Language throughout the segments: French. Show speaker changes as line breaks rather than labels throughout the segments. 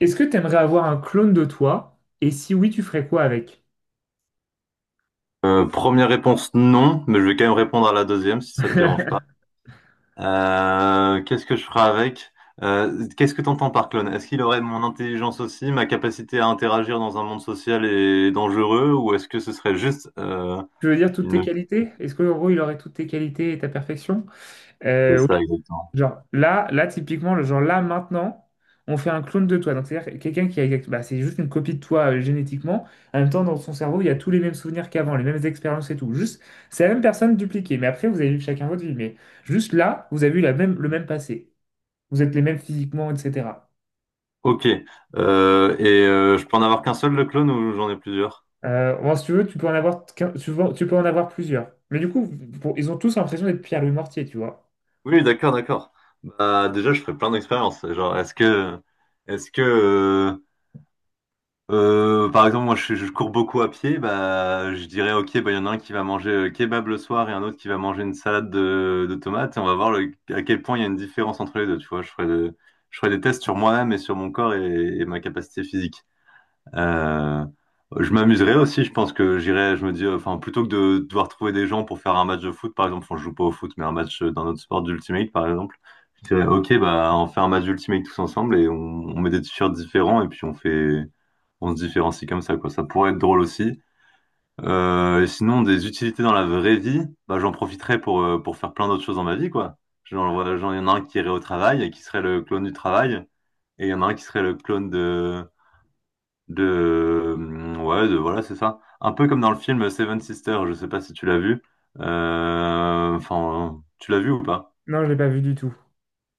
Est-ce que tu aimerais avoir un clone de toi? Et si oui, tu ferais quoi avec?
Première réponse, non, mais je vais quand même répondre à la deuxième si ça te dérange pas. Qu'est-ce que je ferai avec? Qu'est-ce que t'entends par clone? Est-ce qu'il aurait mon intelligence aussi, ma capacité à interagir dans un monde social et dangereux, ou est-ce que ce serait juste
Je veux dire toutes tes
une...
qualités? Est-ce que en gros il aurait toutes tes qualités et ta perfection?
C'est ça
Oui.
exactement.
Genre là typiquement, le genre là maintenant, on fait un clone de toi. Donc c'est-à-dire quelqu'un qui a bah, c'est juste une copie de toi génétiquement. En même temps, dans son cerveau, il y a tous les mêmes souvenirs qu'avant, les mêmes expériences et tout. Juste, c'est la même personne dupliquée. Mais après, vous avez vu chacun votre vie. Mais juste là, vous avez eu le même passé. Vous êtes les mêmes physiquement, etc.
Ok. Je peux en avoir qu'un seul le clone ou j'en ai plusieurs?
Moi, si tu veux, tu peux en avoir, tu peux en avoir plusieurs. Mais du coup, ils ont tous l'impression d'être Pierre-Louis Mortier, tu vois.
Oui, d'accord, d'accord. Bah déjà, je ferai plein d'expériences. Genre, est-ce que par exemple, je cours beaucoup à pied, bah je dirais ok, bah il y en a un qui va manger kebab le soir et un autre qui va manger une salade de tomates. Et on va voir à quel point il y a une différence entre les deux. Tu vois, je ferai des tests sur moi-même et sur mon corps et ma capacité physique. Euh, je m'amuserais aussi, je pense que j'irais, je me dis, enfin, plutôt que de devoir trouver des gens pour faire un match de foot, par exemple, on joue pas au foot, mais un match d'un autre sport d'Ultimate, par exemple, je dirais, ok, bah, on fait un match d'Ultimate tous ensemble et on met des t-shirts différents et puis on fait, on se différencie comme ça, quoi. Ça pourrait être drôle aussi. Sinon, des utilités dans la vraie vie, bah, j'en profiterais pour faire plein d'autres choses dans ma vie, quoi. Genre, voilà, genre, il y en a un qui irait au travail et qui serait le clone du travail, et il y en a un qui serait le clone de, ouais, de voilà, c'est ça. Un peu comme dans le film Seven Sisters, je sais pas si tu l'as vu. Enfin, tu l'as vu ou pas?
Non, je l'ai pas vu du tout.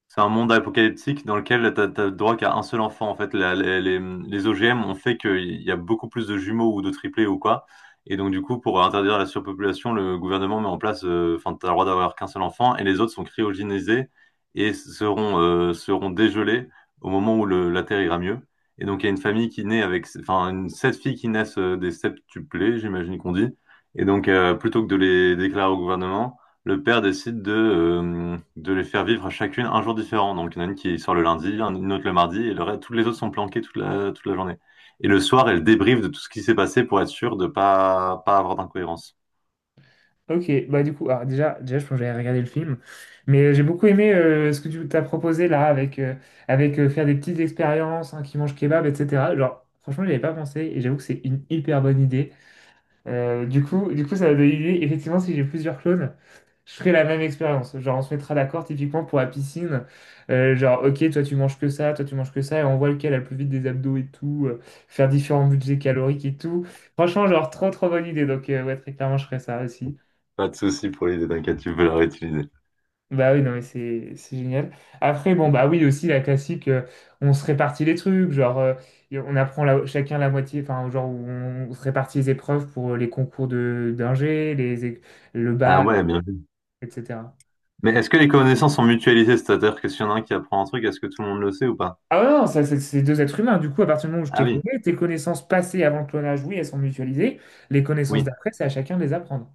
C'est un monde apocalyptique dans lequel t'as le droit qu'à un seul enfant. En fait, les, les OGM ont fait qu'il y a beaucoup plus de jumeaux ou de triplés ou quoi. Et donc, du coup, pour interdire la surpopulation, le gouvernement met en place, enfin, t'as le droit d'avoir qu'un seul enfant et les autres sont cryogénisés et seront, seront dégelés au moment où la Terre ira mieux. Et donc, il y a une famille qui naît avec, enfin, une, sept filles qui naissent des septuplés, j'imagine qu'on dit. Et donc, plutôt que de les déclarer au gouvernement, le père décide de les faire vivre à chacune un jour différent. Donc, il y en a une qui sort le lundi, une autre le mardi, et le reste, toutes les autres sont planquées toute toute la journée. Et le soir, elle débriefe de tout ce qui s'est passé pour être sûre de pas avoir d'incohérence.
Ok, bah du coup, alors déjà, je pense que j'allais regarder le film, mais j'ai beaucoup aimé ce que tu t'as proposé là, avec faire des petites expériences, hein, qui mangent kebab, etc. Genre, franchement, j'y avais pas pensé, et j'avoue que c'est une hyper bonne idée. Du coup, ça m'a donné l'idée, effectivement, si j'ai plusieurs clones, je ferai la même expérience. Genre, on se mettra d'accord typiquement pour la piscine. Genre, ok, toi tu manges que ça, toi tu manges que ça, et on voit lequel a le plus vite des abdos et tout. Faire différents budgets caloriques et tout. Franchement, genre, trop trop bonne idée. Donc, ouais, très clairement, je ferai ça aussi.
Pas de souci pour l'idée, t'inquiète, tu peux la réutiliser.
Bah oui, non, mais c'est génial. Après, bon, bah oui, aussi la classique, on se répartit les trucs. Et on apprend chacun la moitié, enfin, genre, on se répartit les épreuves pour les concours de d'ingé, le
Ah
bac,
ouais, bien vu.
etc.
Mais est-ce que les connaissances sont mutualisées? C'est-à-dire que s'il y en a un qui apprend un truc, est-ce que tout le monde le sait ou pas?
Ah ouais, non, ça, c'est deux êtres humains. Du coup, à partir du moment où je
Ah
t'ai
oui,
connu, tes connaissances passées avant le clonage, oui, elles sont mutualisées. Les connaissances
oui.
d'après, c'est à chacun de les apprendre.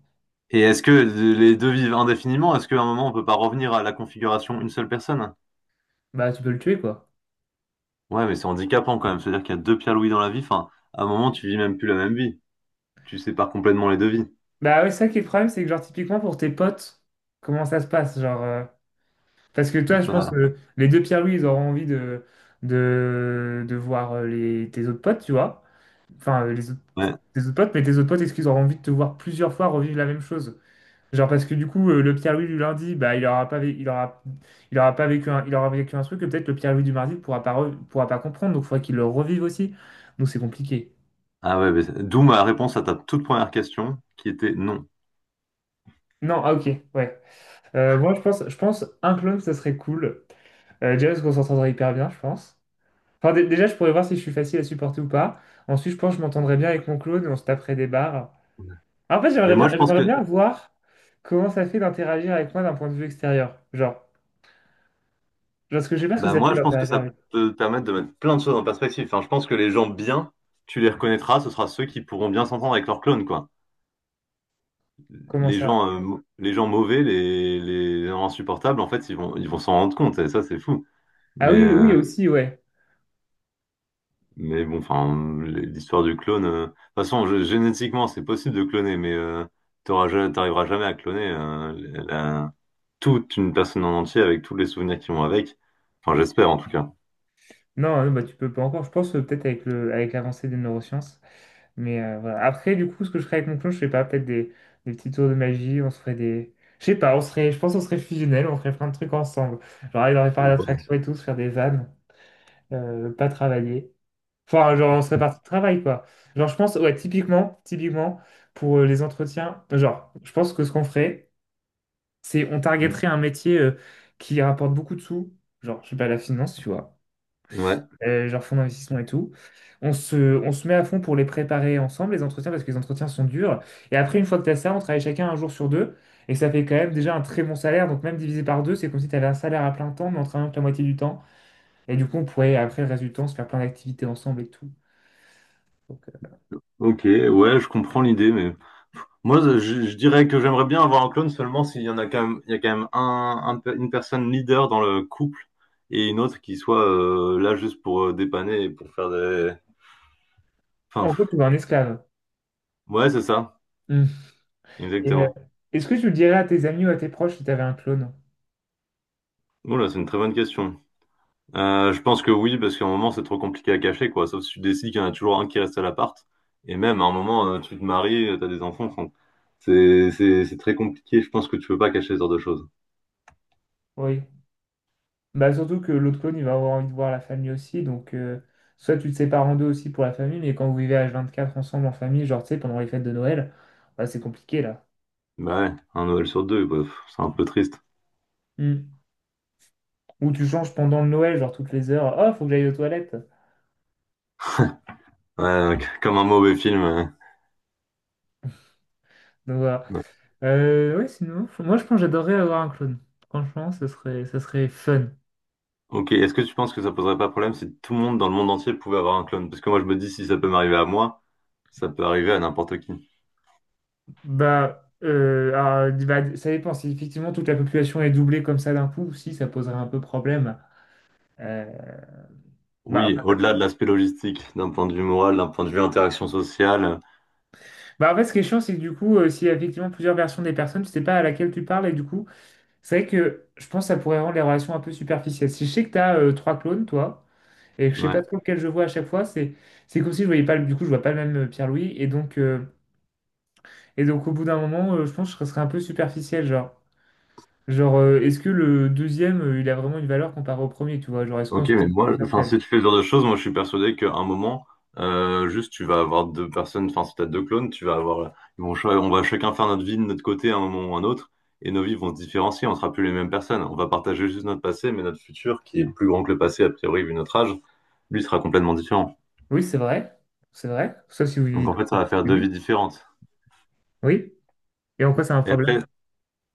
Et est-ce que les deux vivent indéfiniment? Est-ce qu'à un moment, on peut pas revenir à la configuration une seule personne?
Bah, tu peux le tuer, quoi.
Ouais, mais c'est handicapant quand même. C'est-à-dire qu'il y a deux Pierre Louis dans la vie. Enfin, à un moment, tu vis même plus la même vie. Tu sépares complètement les deux vies.
Bah ouais, ça qui est le problème, c'est que, genre, typiquement, pour tes potes, comment ça se passe? Parce que toi, je pense,
Bah,
les deux Pierre-Louis, ils auront envie de voir tes autres potes, tu vois. Enfin, les autres,
ouais.
tes autres potes, mais tes autres potes, est-ce qu'ils auront envie de te voir plusieurs fois revivre la même chose? Genre parce que du coup le Pierre-Louis du lundi bah il aura pas vécu il aura vécu un truc que peut-être le Pierre-Louis du mardi pourra pas comprendre donc il faudrait qu'il le revive aussi donc c'est compliqué.
Ah ouais, mais c'est- d'où ma réponse à ta toute première question, qui était non.
Non ah ok, ouais. Moi je pense un clone ça serait cool. Déjà parce qu'on s'entendrait hyper bien je pense. Enfin déjà je pourrais voir si je suis facile à supporter ou pas. Ensuite je pense que je m'entendrais bien avec mon clone et on se taperait des barres. En fait
Mais
j'aimerais bien
moi, je pense
j'aimerais
que,
bien voir comment ça fait d'interagir avec moi d'un point de vue extérieur, genre parce que je sais pas ce que
bah
ça fait
moi, je pense que
d'interagir
ça
avec
peut te permettre de mettre plein de choses en perspective. Enfin, je pense que les gens bien, tu les reconnaîtras. Ce sera ceux qui pourront bien s'entendre avec leurs clones, quoi.
comment
Les
ça.
gens, les gens mauvais, les gens insupportables, en fait, ils vont s'en rendre compte. Et ça, c'est fou.
Ah
Mais,
oui, oui, oui,
euh,
aussi, ouais.
Mais bon, enfin, l'histoire du clone. De toute façon, génétiquement, c'est possible de cloner, mais t'arriveras jamais à cloner la- toute une personne en entier avec tous les souvenirs qui vont avec. Enfin, j'espère en tout cas.
Non, bah, tu peux pas encore, je pense, peut-être avec avec l'avancée des neurosciences. Mais voilà. Après, du coup, ce que je ferais avec mon clone, je sais pas, peut-être des petits tours de magie, on se ferait des. Je sais pas, on serait, je pense qu'on serait fusionnels, on ferait plein de trucs ensemble. Genre, il aurait parlé
Ouais.
d'attraction et tout, se faire des vannes, pas travailler. Enfin, genre, on serait parti de travail, quoi. Genre, je pense, ouais, typiquement, pour les entretiens, genre, je pense que ce qu'on ferait, c'est on targeterait un métier qui rapporte beaucoup de sous, genre, je sais pas, la finance, tu vois.
Ouais.
Genre fonds d'investissement et tout. On se met à fond pour les préparer ensemble, les entretiens, parce que les entretiens sont durs. Et après, une fois que tu as ça, on travaille chacun un jour sur deux. Et ça fait quand même déjà un très bon salaire. Donc même divisé par deux, c'est comme si tu avais un salaire à plein temps, mais en travaillant que la moitié du temps. Et du coup, on pourrait, après le reste du temps, se faire plein d'activités ensemble et tout. Donc,
Ok, ouais, je comprends l'idée, mais moi, je, je dirais que j'aimerais bien avoir un clone seulement s'il y en a quand même, il y a quand même une personne leader dans le couple et une autre qui soit là juste pour dépanner et pour faire des. Enfin,
en
pff,
gros, tu vois un esclave.
ouais, c'est ça,
Mm. Et,
exactement.
est-ce que tu le dirais à tes amis ou à tes proches si tu avais un clone?
Oh là, c'est une très bonne question. Je pense que oui, parce qu'à un moment, c'est trop compliqué à cacher, quoi. Sauf si tu décides qu'il y en a toujours un qui reste à l'appart. Et même, à un moment, tu te maries, t'as des enfants. Enfin, c'est très compliqué. Je pense que tu peux pas cacher ce genre de choses.
Oui. Bah, surtout que l'autre clone, il va avoir envie de voir la famille aussi. Donc, soit tu te sépares en deux aussi pour la famille, mais quand vous vivez h quatre ensemble en famille, genre, tu sais, pendant les fêtes de Noël, bah, c'est compliqué là.
Bah ouais, un Noël sur deux, bah, pff, c'est un peu triste.
Hmm. Ou tu changes pendant le Noël, genre toutes les heures. Oh, faut que j'aille aux toilettes.
Ouais, comme un mauvais film.
Donc, voilà.
Ouais.
Ouais, sinon, moi, je pense que j'adorerais avoir un clone. Franchement, ça serait fun.
Ok, est-ce que tu penses que ça poserait pas problème si tout le monde dans le monde entier pouvait avoir un clone? Parce que moi, je me dis, si ça peut m'arriver à moi, ça peut arriver à n'importe qui.
Bah, alors, bah, ça dépend. Si effectivement toute la population est doublée comme ça d'un coup, si, ça poserait un peu problème. Euh,
Oui,
bah,
au-delà de l'aspect logistique, d'un point de vue moral, d'un point de vue interaction sociale.
Bah en fait, ce qui est chiant, c'est que du coup, s'il y a effectivement plusieurs versions des personnes, tu sais pas à laquelle tu parles, et du coup, c'est vrai que je pense que ça pourrait rendre les relations un peu superficielles. Si je sais que tu as trois clones, toi, et que je sais pas
Ouais.
trop lequel je vois à chaque fois, c'est comme si je voyais pas, du coup, je vois pas le même Pierre-Louis, et donc au bout d'un moment, je pense que je serais un peu superficiel, genre. Genre, est-ce que le deuxième, il a vraiment une valeur comparée au premier, tu vois? Genre, est-ce qu'on
Ok,
se c'est
mais moi, enfin,
virtuel?
si tu fais ce genre de choses, moi, je suis persuadé qu'à un moment, juste, tu vas avoir deux personnes, enfin, si t'as deux clones, tu vas avoir, ils vont, ch- on va chacun faire notre vie de notre côté à un moment ou à un autre, et nos vies vont se différencier, on sera plus les mêmes personnes. On va partager juste notre passé, mais notre futur, qui est plus grand que le passé, a priori, vu notre âge, lui sera complètement différent.
Oui, c'est vrai, sauf si vous
Donc,
vivez
en
tout
fait,
le
ça
temps.
va faire deux vies
Oui,
différentes.
oui. Et en quoi c'est un
Et
problème?
après,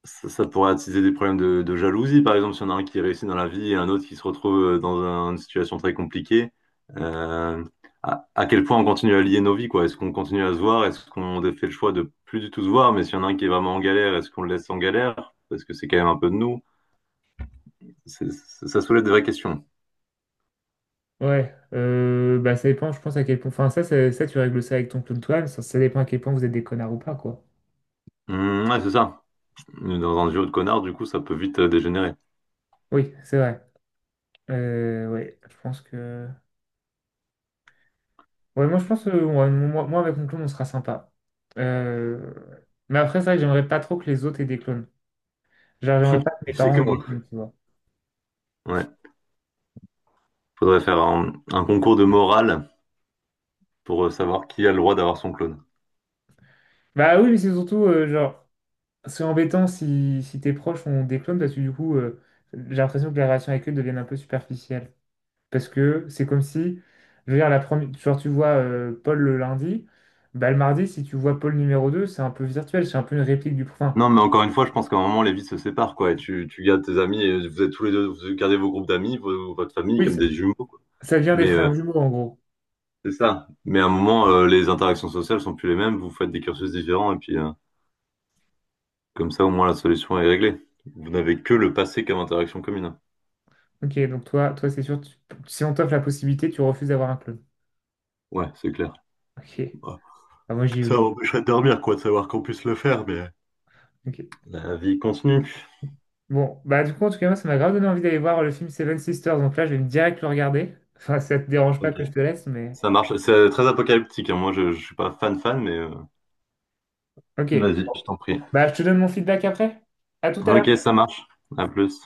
ça pourrait attiser des problèmes de jalousie, par exemple, si on a un qui réussit dans la vie et un autre qui se retrouve dans une situation très compliquée. Euh, à, à quel point on continue à lier nos vies, quoi? Est-ce qu'on continue à se voir? Est-ce qu'on fait le choix de plus du tout se voir? Mais s'il y en a un qui est vraiment en galère, est-ce qu'on le laisse en galère? Parce que c'est quand même un peu de nous. Ça soulève des vraies questions.
Ouais, bah ça dépend, je pense à quel point. Enfin, ça, tu règles ça avec ton clown toi ça, ça dépend à quel point vous êtes des connards ou pas, quoi.
Ouais, c'est ça. Dans un duo de connards, du coup, ça peut vite dégénérer.
Oui, c'est vrai. Ouais, je pense que. Ouais, moi, je pense que ouais, moi, avec mon clone, on sera sympa. Euh, Mais après, c'est vrai que j'aimerais pas trop que les autres aient des clones. Genre, j'aimerais pas que mes
C'est
parents
que
aient des
moi.
clones, tu vois.
Ouais. Faudrait faire un concours de morale pour savoir qui a le droit d'avoir son clone.
Bah oui, mais c'est surtout, genre, c'est embêtant si, si tes proches ont des clones, parce que du coup, j'ai l'impression que les relations avec eux deviennent un peu superficielles. Parce que c'est comme si, je veux dire, la première, genre tu vois Paul le lundi, bah, le mardi, si tu vois Paul numéro 2, c'est un peu virtuel, c'est un peu une réplique du prochain.
Non, mais encore une fois, je pense qu'à un moment, les vies se séparent, quoi. Et tu gardes tes amis, et vous êtes tous les deux, vous gardez vos groupes d'amis, votre famille,
Oui.
comme des jumeaux, quoi.
Ça vient des
Mais euh,
frères jumeaux, en gros.
c'est ça. Mais à un moment, les interactions sociales sont plus les mêmes, vous faites des cursus différents, et puis comme ça, au moins, la solution est réglée. Vous n'avez que le passé comme interaction commune.
Ok, donc toi c'est sûr, si on t'offre la possibilité, tu refuses d'avoir un clone.
Ouais, c'est clair.
Ok.
Bah,
Ah, moi, j'y ai
ça
eu.
m'empêcherait de dormir, quoi, de savoir qu'on puisse le faire, mais...
Ok.
La vie continue.
Bon, bah du coup, en tout cas, moi, ça m'a grave donné envie d'aller voir le film Seven Sisters, donc là, je vais direct le regarder. Enfin, ça te dérange pas
Ok.
que je te laisse, mais...
Ça marche. C'est très apocalyptique, hein. Moi, je suis pas fan fan, mais...
Ok.
Vas-y, je t'en prie.
Bah, je te donne mon feedback après. À tout à l'heure.
Ok, ça marche. À plus.